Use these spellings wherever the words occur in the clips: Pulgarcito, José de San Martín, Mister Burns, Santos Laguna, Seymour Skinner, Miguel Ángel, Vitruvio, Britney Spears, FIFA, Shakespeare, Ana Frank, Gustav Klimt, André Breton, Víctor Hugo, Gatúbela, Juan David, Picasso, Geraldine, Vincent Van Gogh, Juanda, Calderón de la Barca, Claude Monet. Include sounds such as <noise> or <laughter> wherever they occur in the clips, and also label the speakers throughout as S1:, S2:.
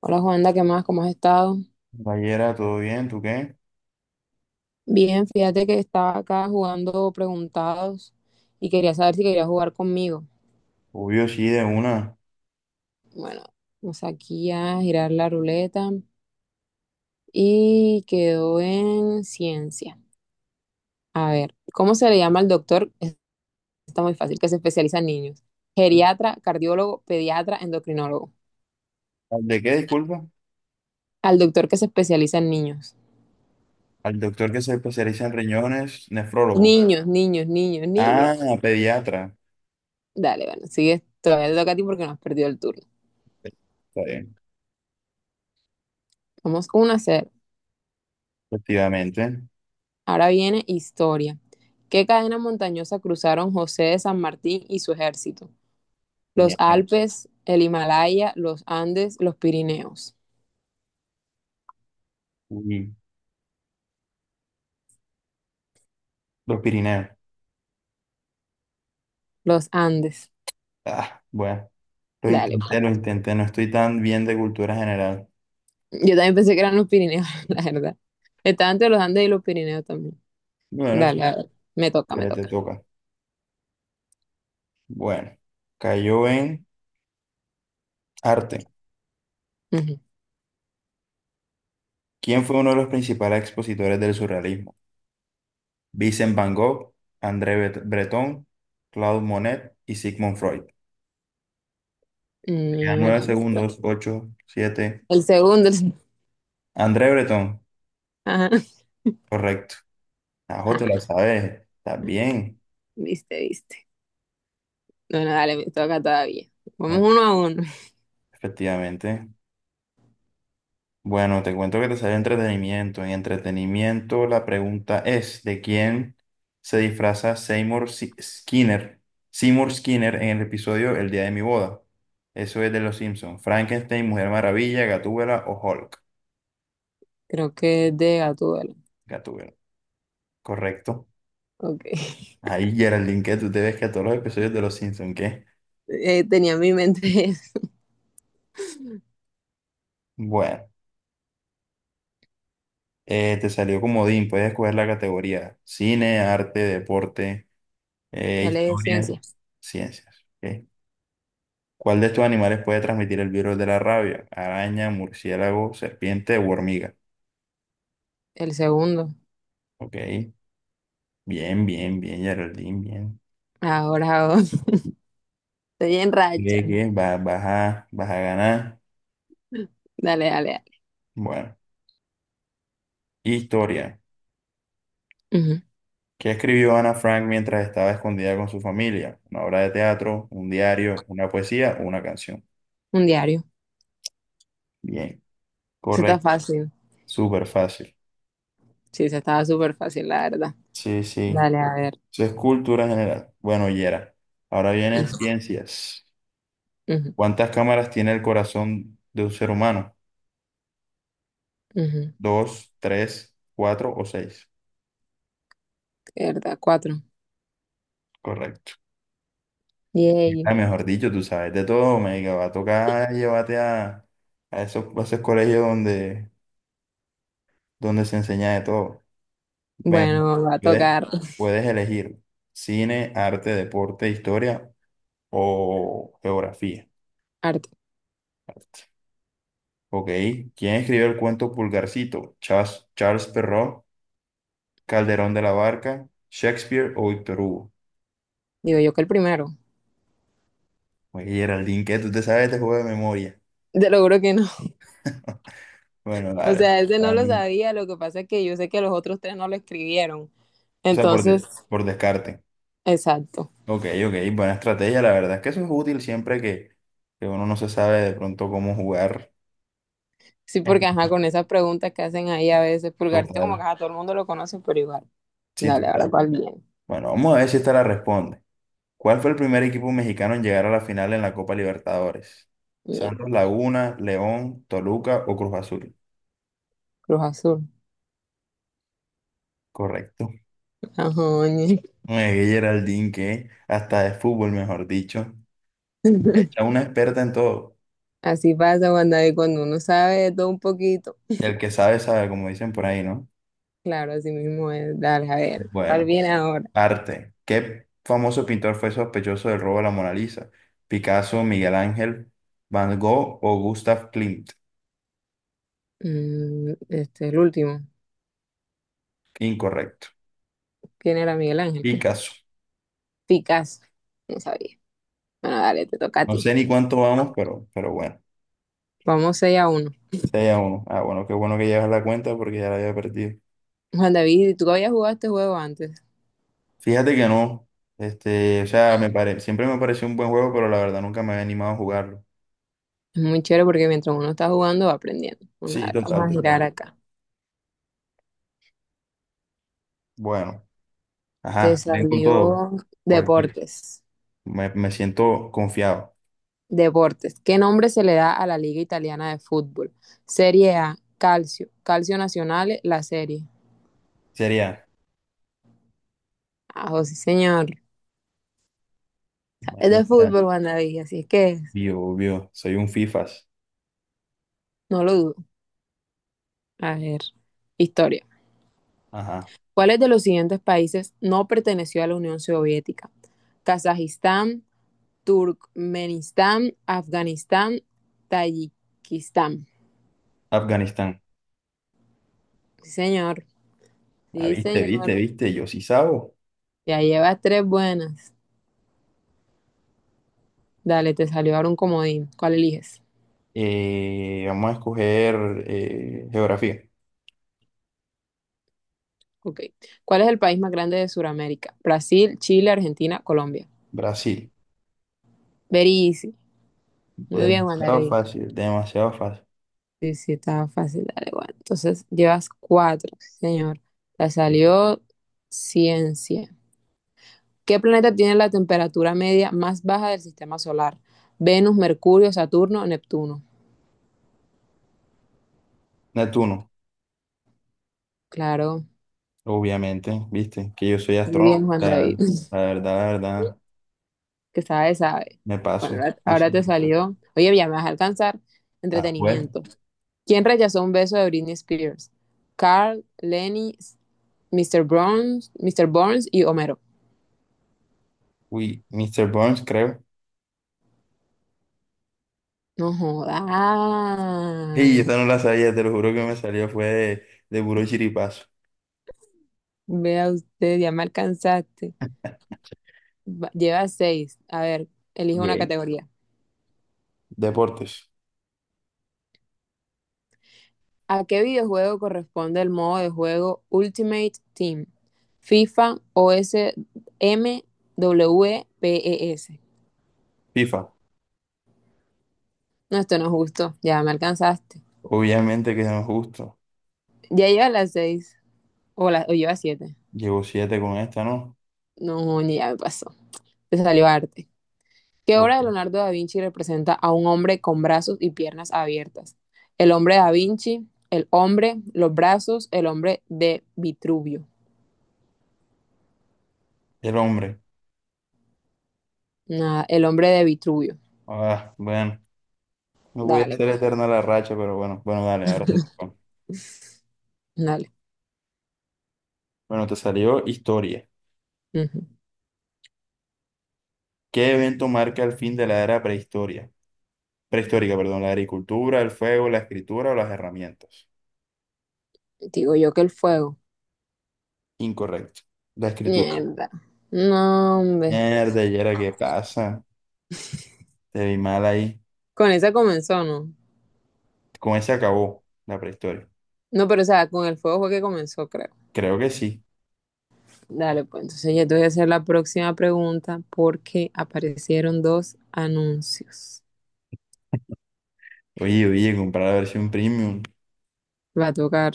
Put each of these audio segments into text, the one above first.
S1: Hola Juanda, ¿qué más? ¿Cómo has estado?
S2: Vallera, ¿todo bien? ¿Tú qué?
S1: Bien, fíjate que estaba acá jugando preguntados y quería saber si quería jugar conmigo.
S2: Obvio, sí, de una.
S1: Bueno, vamos aquí a girar la ruleta y quedó en ciencia. A ver, ¿cómo se le llama al doctor? Está muy fácil, que se especializa en niños. Geriatra, cardiólogo, pediatra, endocrinólogo.
S2: ¿Al de qué, disculpa?
S1: Al doctor que se especializa en niños.
S2: Al doctor que se especializa en riñones, nefrólogo.
S1: Niños, niños, niños, niños.
S2: Ah, pediatra.
S1: Dale, bueno, sigue, todavía te toca a ti porque no has perdido el turno.
S2: Está bien,
S1: Vamos uno a cero.
S2: efectivamente.
S1: Ahora viene historia. ¿Qué cadena montañosa cruzaron José de San Martín y su ejército? Los
S2: Bien.
S1: Alpes, el Himalaya, los Andes, los Pirineos.
S2: Uy, los Pirineos.
S1: Los Andes.
S2: Ah, bueno, lo
S1: Dale,
S2: intenté,
S1: pues.
S2: lo intenté. No estoy tan bien de cultura general.
S1: Yo también pensé que eran los Pirineos, <laughs> la verdad. Estaba entre los Andes y los Pirineos también.
S2: Bueno, sí,
S1: Dale, a ver. Me toca, me
S2: dale, te
S1: toca.
S2: toca. Bueno, cayó en arte.
S1: Ujú.
S2: ¿Quién fue uno de los principales expositores del surrealismo? Vincent Van Gogh, Breton, Claude Monet y Sigmund Freud. Te quedan nueve
S1: Mierda.
S2: segundos, ocho, siete.
S1: El segundo. <laughs>
S2: André Breton,
S1: Ajá.
S2: correcto. Ajo, te la
S1: <laughs>
S2: sabes. Estás bien.
S1: Viste, viste. Bueno, dale, me toca todavía. Vamos
S2: Bueno,
S1: uno a uno.
S2: efectivamente. Bueno, te cuento que te sale entretenimiento. En entretenimiento, la pregunta es: ¿de quién se disfraza Seymour Si- Skinner? Seymour Skinner en el episodio El día de mi boda. Eso es de Los Simpsons. Frankenstein, Mujer Maravilla, Gatúbela o Hulk.
S1: Creo que es de Gatúbela.
S2: Gatúbela. Correcto.
S1: Ok. <laughs>
S2: Ahí, Geraldine, que tú te ves que a todos los episodios de Los Simpsons, ¿qué?
S1: Tenía en mi mente.
S2: Bueno, te salió comodín, puedes escoger la categoría cine, arte, deporte,
S1: Dale de
S2: historia,
S1: ciencia.
S2: ciencias. ¿Ok? ¿Cuál de estos animales puede transmitir el virus de la rabia? Araña, murciélago, serpiente o hormiga.
S1: El segundo.
S2: Ok, bien, bien, bien, Geraldine, bien.
S1: Ahora vos. <laughs> Estoy en racha.
S2: Lee que va, vas a ganar.
S1: Dale, dale, dale.
S2: Bueno, historia.
S1: Ujú.
S2: ¿Qué escribió Ana Frank mientras estaba escondida con su familia? ¿Una obra de teatro, un diario, una poesía o una canción?
S1: Un diario.
S2: Bien,
S1: Eso está
S2: correcto,
S1: fácil.
S2: súper fácil.
S1: Sí, se estaba súper fácil, la verdad.
S2: Sí, sí,
S1: Dale, a ver.
S2: eso es cultura general. Bueno, Yera, ahora vienen ciencias.
S1: Ujú,
S2: ¿Cuántas cámaras tiene el corazón de un ser humano?
S1: ujú.
S2: ¿Dos, tres, cuatro o seis?
S1: ¿Verdad? Cuatro.
S2: Correcto.
S1: Yay.
S2: Ah, mejor dicho, tú sabes de todo, me va a tocar a esos colegios donde se enseña de todo. Ven,
S1: Bueno, va a
S2: puedes,
S1: tocar
S2: puedes elegir cine, arte, deporte, historia o geografía.
S1: arte.
S2: Ok. ¿Quién escribió el cuento Pulgarcito? Charles Perrault, Calderón de la Barca, Shakespeare o Víctor Hugo.
S1: Digo yo que el primero.
S2: Oye, Geraldine, ¿qué? ¿Tú te sabes este juego de memoria?
S1: Te lo juro que no.
S2: <laughs> Bueno,
S1: O
S2: dale.
S1: sea, ese no lo
S2: dame-
S1: sabía. Lo que pasa es que yo sé que los otros tres no lo escribieron.
S2: O sea,
S1: Entonces,
S2: por descarte.
S1: exacto.
S2: Ok, ok. Buena estrategia. La verdad es que eso es útil siempre que uno no se sabe de pronto cómo jugar.
S1: Sí, porque ajá, con
S2: <laughs>
S1: esas preguntas que hacen ahí a veces, pulgarcito como que
S2: Total.
S1: ajá, todo el mundo lo conoce, pero igual.
S2: Sí,
S1: Dale, ahora
S2: total.
S1: cuál bien.
S2: Bueno, vamos a ver si esta la responde. ¿Cuál fue el primer equipo mexicano en llegar a la final en la Copa Libertadores?
S1: Mierda,
S2: ¿Santos Laguna, León, Toluca o Cruz Azul?
S1: Cruz Azul.
S2: Correcto.
S1: Ajá, ñe.
S2: Geraldine, que hasta de fútbol, mejor dicho. Hecha
S1: <laughs>
S2: una experta en todo.
S1: Así pasa, Juan David, cuando uno sabe de todo un poquito.
S2: El que sabe, sabe, como dicen por ahí, ¿no?
S1: Claro, así mismo es. Dale, a ver, ¿cuál
S2: Bueno,
S1: viene ahora?
S2: arte. ¿Qué famoso pintor fue sospechoso del robo de la Mona Lisa? ¿Picasso, Miguel Ángel, Van Gogh o Gustav Klimt?
S1: Mm, es el último.
S2: Incorrecto.
S1: ¿Quién era Miguel Ángel? ¿Qué?
S2: Picasso.
S1: Picasso. No sabía. Bueno, dale, te toca a
S2: No
S1: ti.
S2: sé ni cuánto vamos, pero bueno.
S1: Vamos 6 a uno.
S2: 6 a 1. Ah, bueno, qué bueno que llevas la cuenta porque ya la había perdido.
S1: Juan David, tú habías jugado este juego antes.
S2: Fíjate que no. Este, o sea, siempre me pareció un buen juego, pero la verdad nunca me había animado a jugarlo.
S1: Es muy chévere porque mientras uno está jugando va aprendiendo. Bueno,
S2: Sí,
S1: dale, vamos
S2: total,
S1: a girar
S2: total.
S1: acá.
S2: Bueno,
S1: Te
S2: ajá, ven con todo.
S1: salió
S2: Cualquier-
S1: deportes.
S2: Me siento confiado.
S1: Deportes. ¿Qué nombre se le da a la Liga Italiana de Fútbol? Serie A, Calcio, Calcio Nacional, la serie.
S2: Sería,
S1: Ah, oh, sí, señor. Es
S2: bueno,
S1: de fútbol, Juan David, así es que
S2: vio, obvio, soy un FIFAs.
S1: no lo dudo. A ver, historia.
S2: Ajá,
S1: ¿Cuáles de los siguientes países no perteneció a la Unión Soviética? Kazajistán, Turkmenistán, Afganistán, Tayikistán.
S2: Afganistán.
S1: Sí, señor.
S2: Ah,
S1: Sí,
S2: viste, viste,
S1: señor.
S2: viste, yo sí sabo.
S1: Ya llevas tres buenas. Dale, te salió ahora un comodín. ¿Cuál eliges?
S2: Vamos a escoger geografía.
S1: Ok. ¿Cuál es el país más grande de Sudamérica? Brasil, Chile, Argentina, Colombia.
S2: Brasil,
S1: Very easy. Muy bien, Juan
S2: demasiado
S1: David.
S2: fácil, demasiado fácil.
S1: Sí, sí, estaba fácil. Dale, bueno. Entonces, llevas cuatro, sí, señor. Te salió ciencia. ¿Qué planeta tiene la temperatura media más baja del sistema solar? Venus, Mercurio, Saturno, Neptuno.
S2: Neptuno,
S1: Claro.
S2: obviamente, viste, que yo soy
S1: Muy
S2: astrónomo.
S1: bien,
S2: O
S1: Juan
S2: sea,
S1: David. <laughs>
S2: la verdad,
S1: Que sabe, sabe.
S2: me
S1: Bueno,
S2: paso.
S1: ahora
S2: Yo
S1: ahora te
S2: siempre-
S1: salió. Oye, ya me vas a alcanzar.
S2: Ah, pues,
S1: Entretenimiento. ¿Quién rechazó un beso de Britney Spears? Carl, Lenny, Mr. Burns, Mr. Burns y Homero.
S2: uy, Mister Burns, creo.
S1: No joda.
S2: Y esa no la sabía, te lo juro que me salió, fue de puro chiripazo.
S1: Vea usted, ya me alcanzaste. Lleva seis. A ver, elige una
S2: Ok.
S1: categoría.
S2: Deportes,
S1: ¿A qué videojuego corresponde el modo de juego Ultimate Team? FIFA, O S M W E P E S.
S2: FIFA,
S1: No, esto no es justo. Ya me alcanzaste.
S2: obviamente que no es justo.
S1: Ya lleva las seis. O, la, o lleva siete.
S2: Llevo siete con esta, ¿no?
S1: No, ni ya me pasó. De Salivarte. ¿Qué obra de
S2: Ok.
S1: Leonardo da Vinci representa a un hombre con brazos y piernas abiertas? El hombre da Vinci, el hombre, los brazos, el hombre de Vitruvio.
S2: El hombre.
S1: Nada, el hombre de Vitruvio.
S2: Ah, bueno, no voy a
S1: Dale,
S2: hacer
S1: pues,
S2: eterna la racha, pero bueno, bueno, dale, ahora te toca.
S1: dale.
S2: Bueno, te salió historia.
S1: Ujú.
S2: ¿Qué evento marca el fin de la era prehistoria? Prehistórica, perdón, la agricultura, el fuego, la escritura o las herramientas.
S1: Digo yo que el fuego.
S2: Incorrecto. La escritura.
S1: Mierda. No, hombre.
S2: Mierda, ¿y era qué pasa? Te vi mal ahí.
S1: Con esa comenzó, ¿no?
S2: Con ese acabó la prehistoria.
S1: No, pero o sea, con el fuego fue que comenzó, creo.
S2: Creo que sí.
S1: Dale, pues entonces ya te voy a hacer la próxima pregunta porque aparecieron dos anuncios.
S2: Oye, comprar la versión premium.
S1: Va a tocar.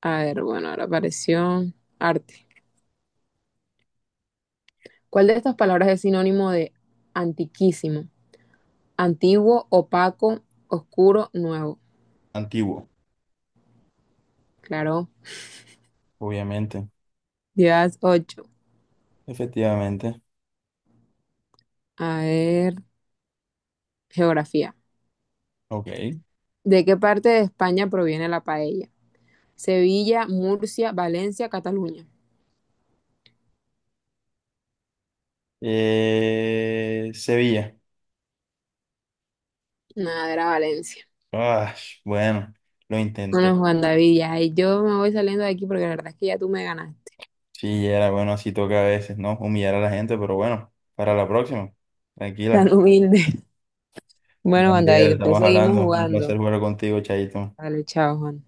S1: A ver, bueno, ahora apareció arte. ¿Cuál de estas palabras es sinónimo de antiquísimo? Antiguo, opaco, oscuro, nuevo.
S2: Antiguo,
S1: Claro.
S2: obviamente.
S1: Días ocho.
S2: Efectivamente.
S1: A ver, geografía.
S2: Ok.
S1: ¿De qué parte de España proviene la paella? Sevilla, Murcia, Valencia, Cataluña.
S2: Sevilla.
S1: Nada, era Valencia.
S2: Ah, bueno, lo intenté.
S1: Bueno, Juan David, ya ahí yo me voy saliendo de aquí porque la verdad es que ya tú me ganaste.
S2: Sí, era bueno, así toca a veces, ¿no? Humillar a la gente, pero bueno, para la próxima.
S1: <laughs> Tan
S2: Tranquila.
S1: humilde. Bueno, Juan David,
S2: Daniel,
S1: después
S2: estamos
S1: seguimos
S2: hablando. Un placer
S1: jugando.
S2: jugar contigo, Chaito.
S1: Dale, chao, Juan.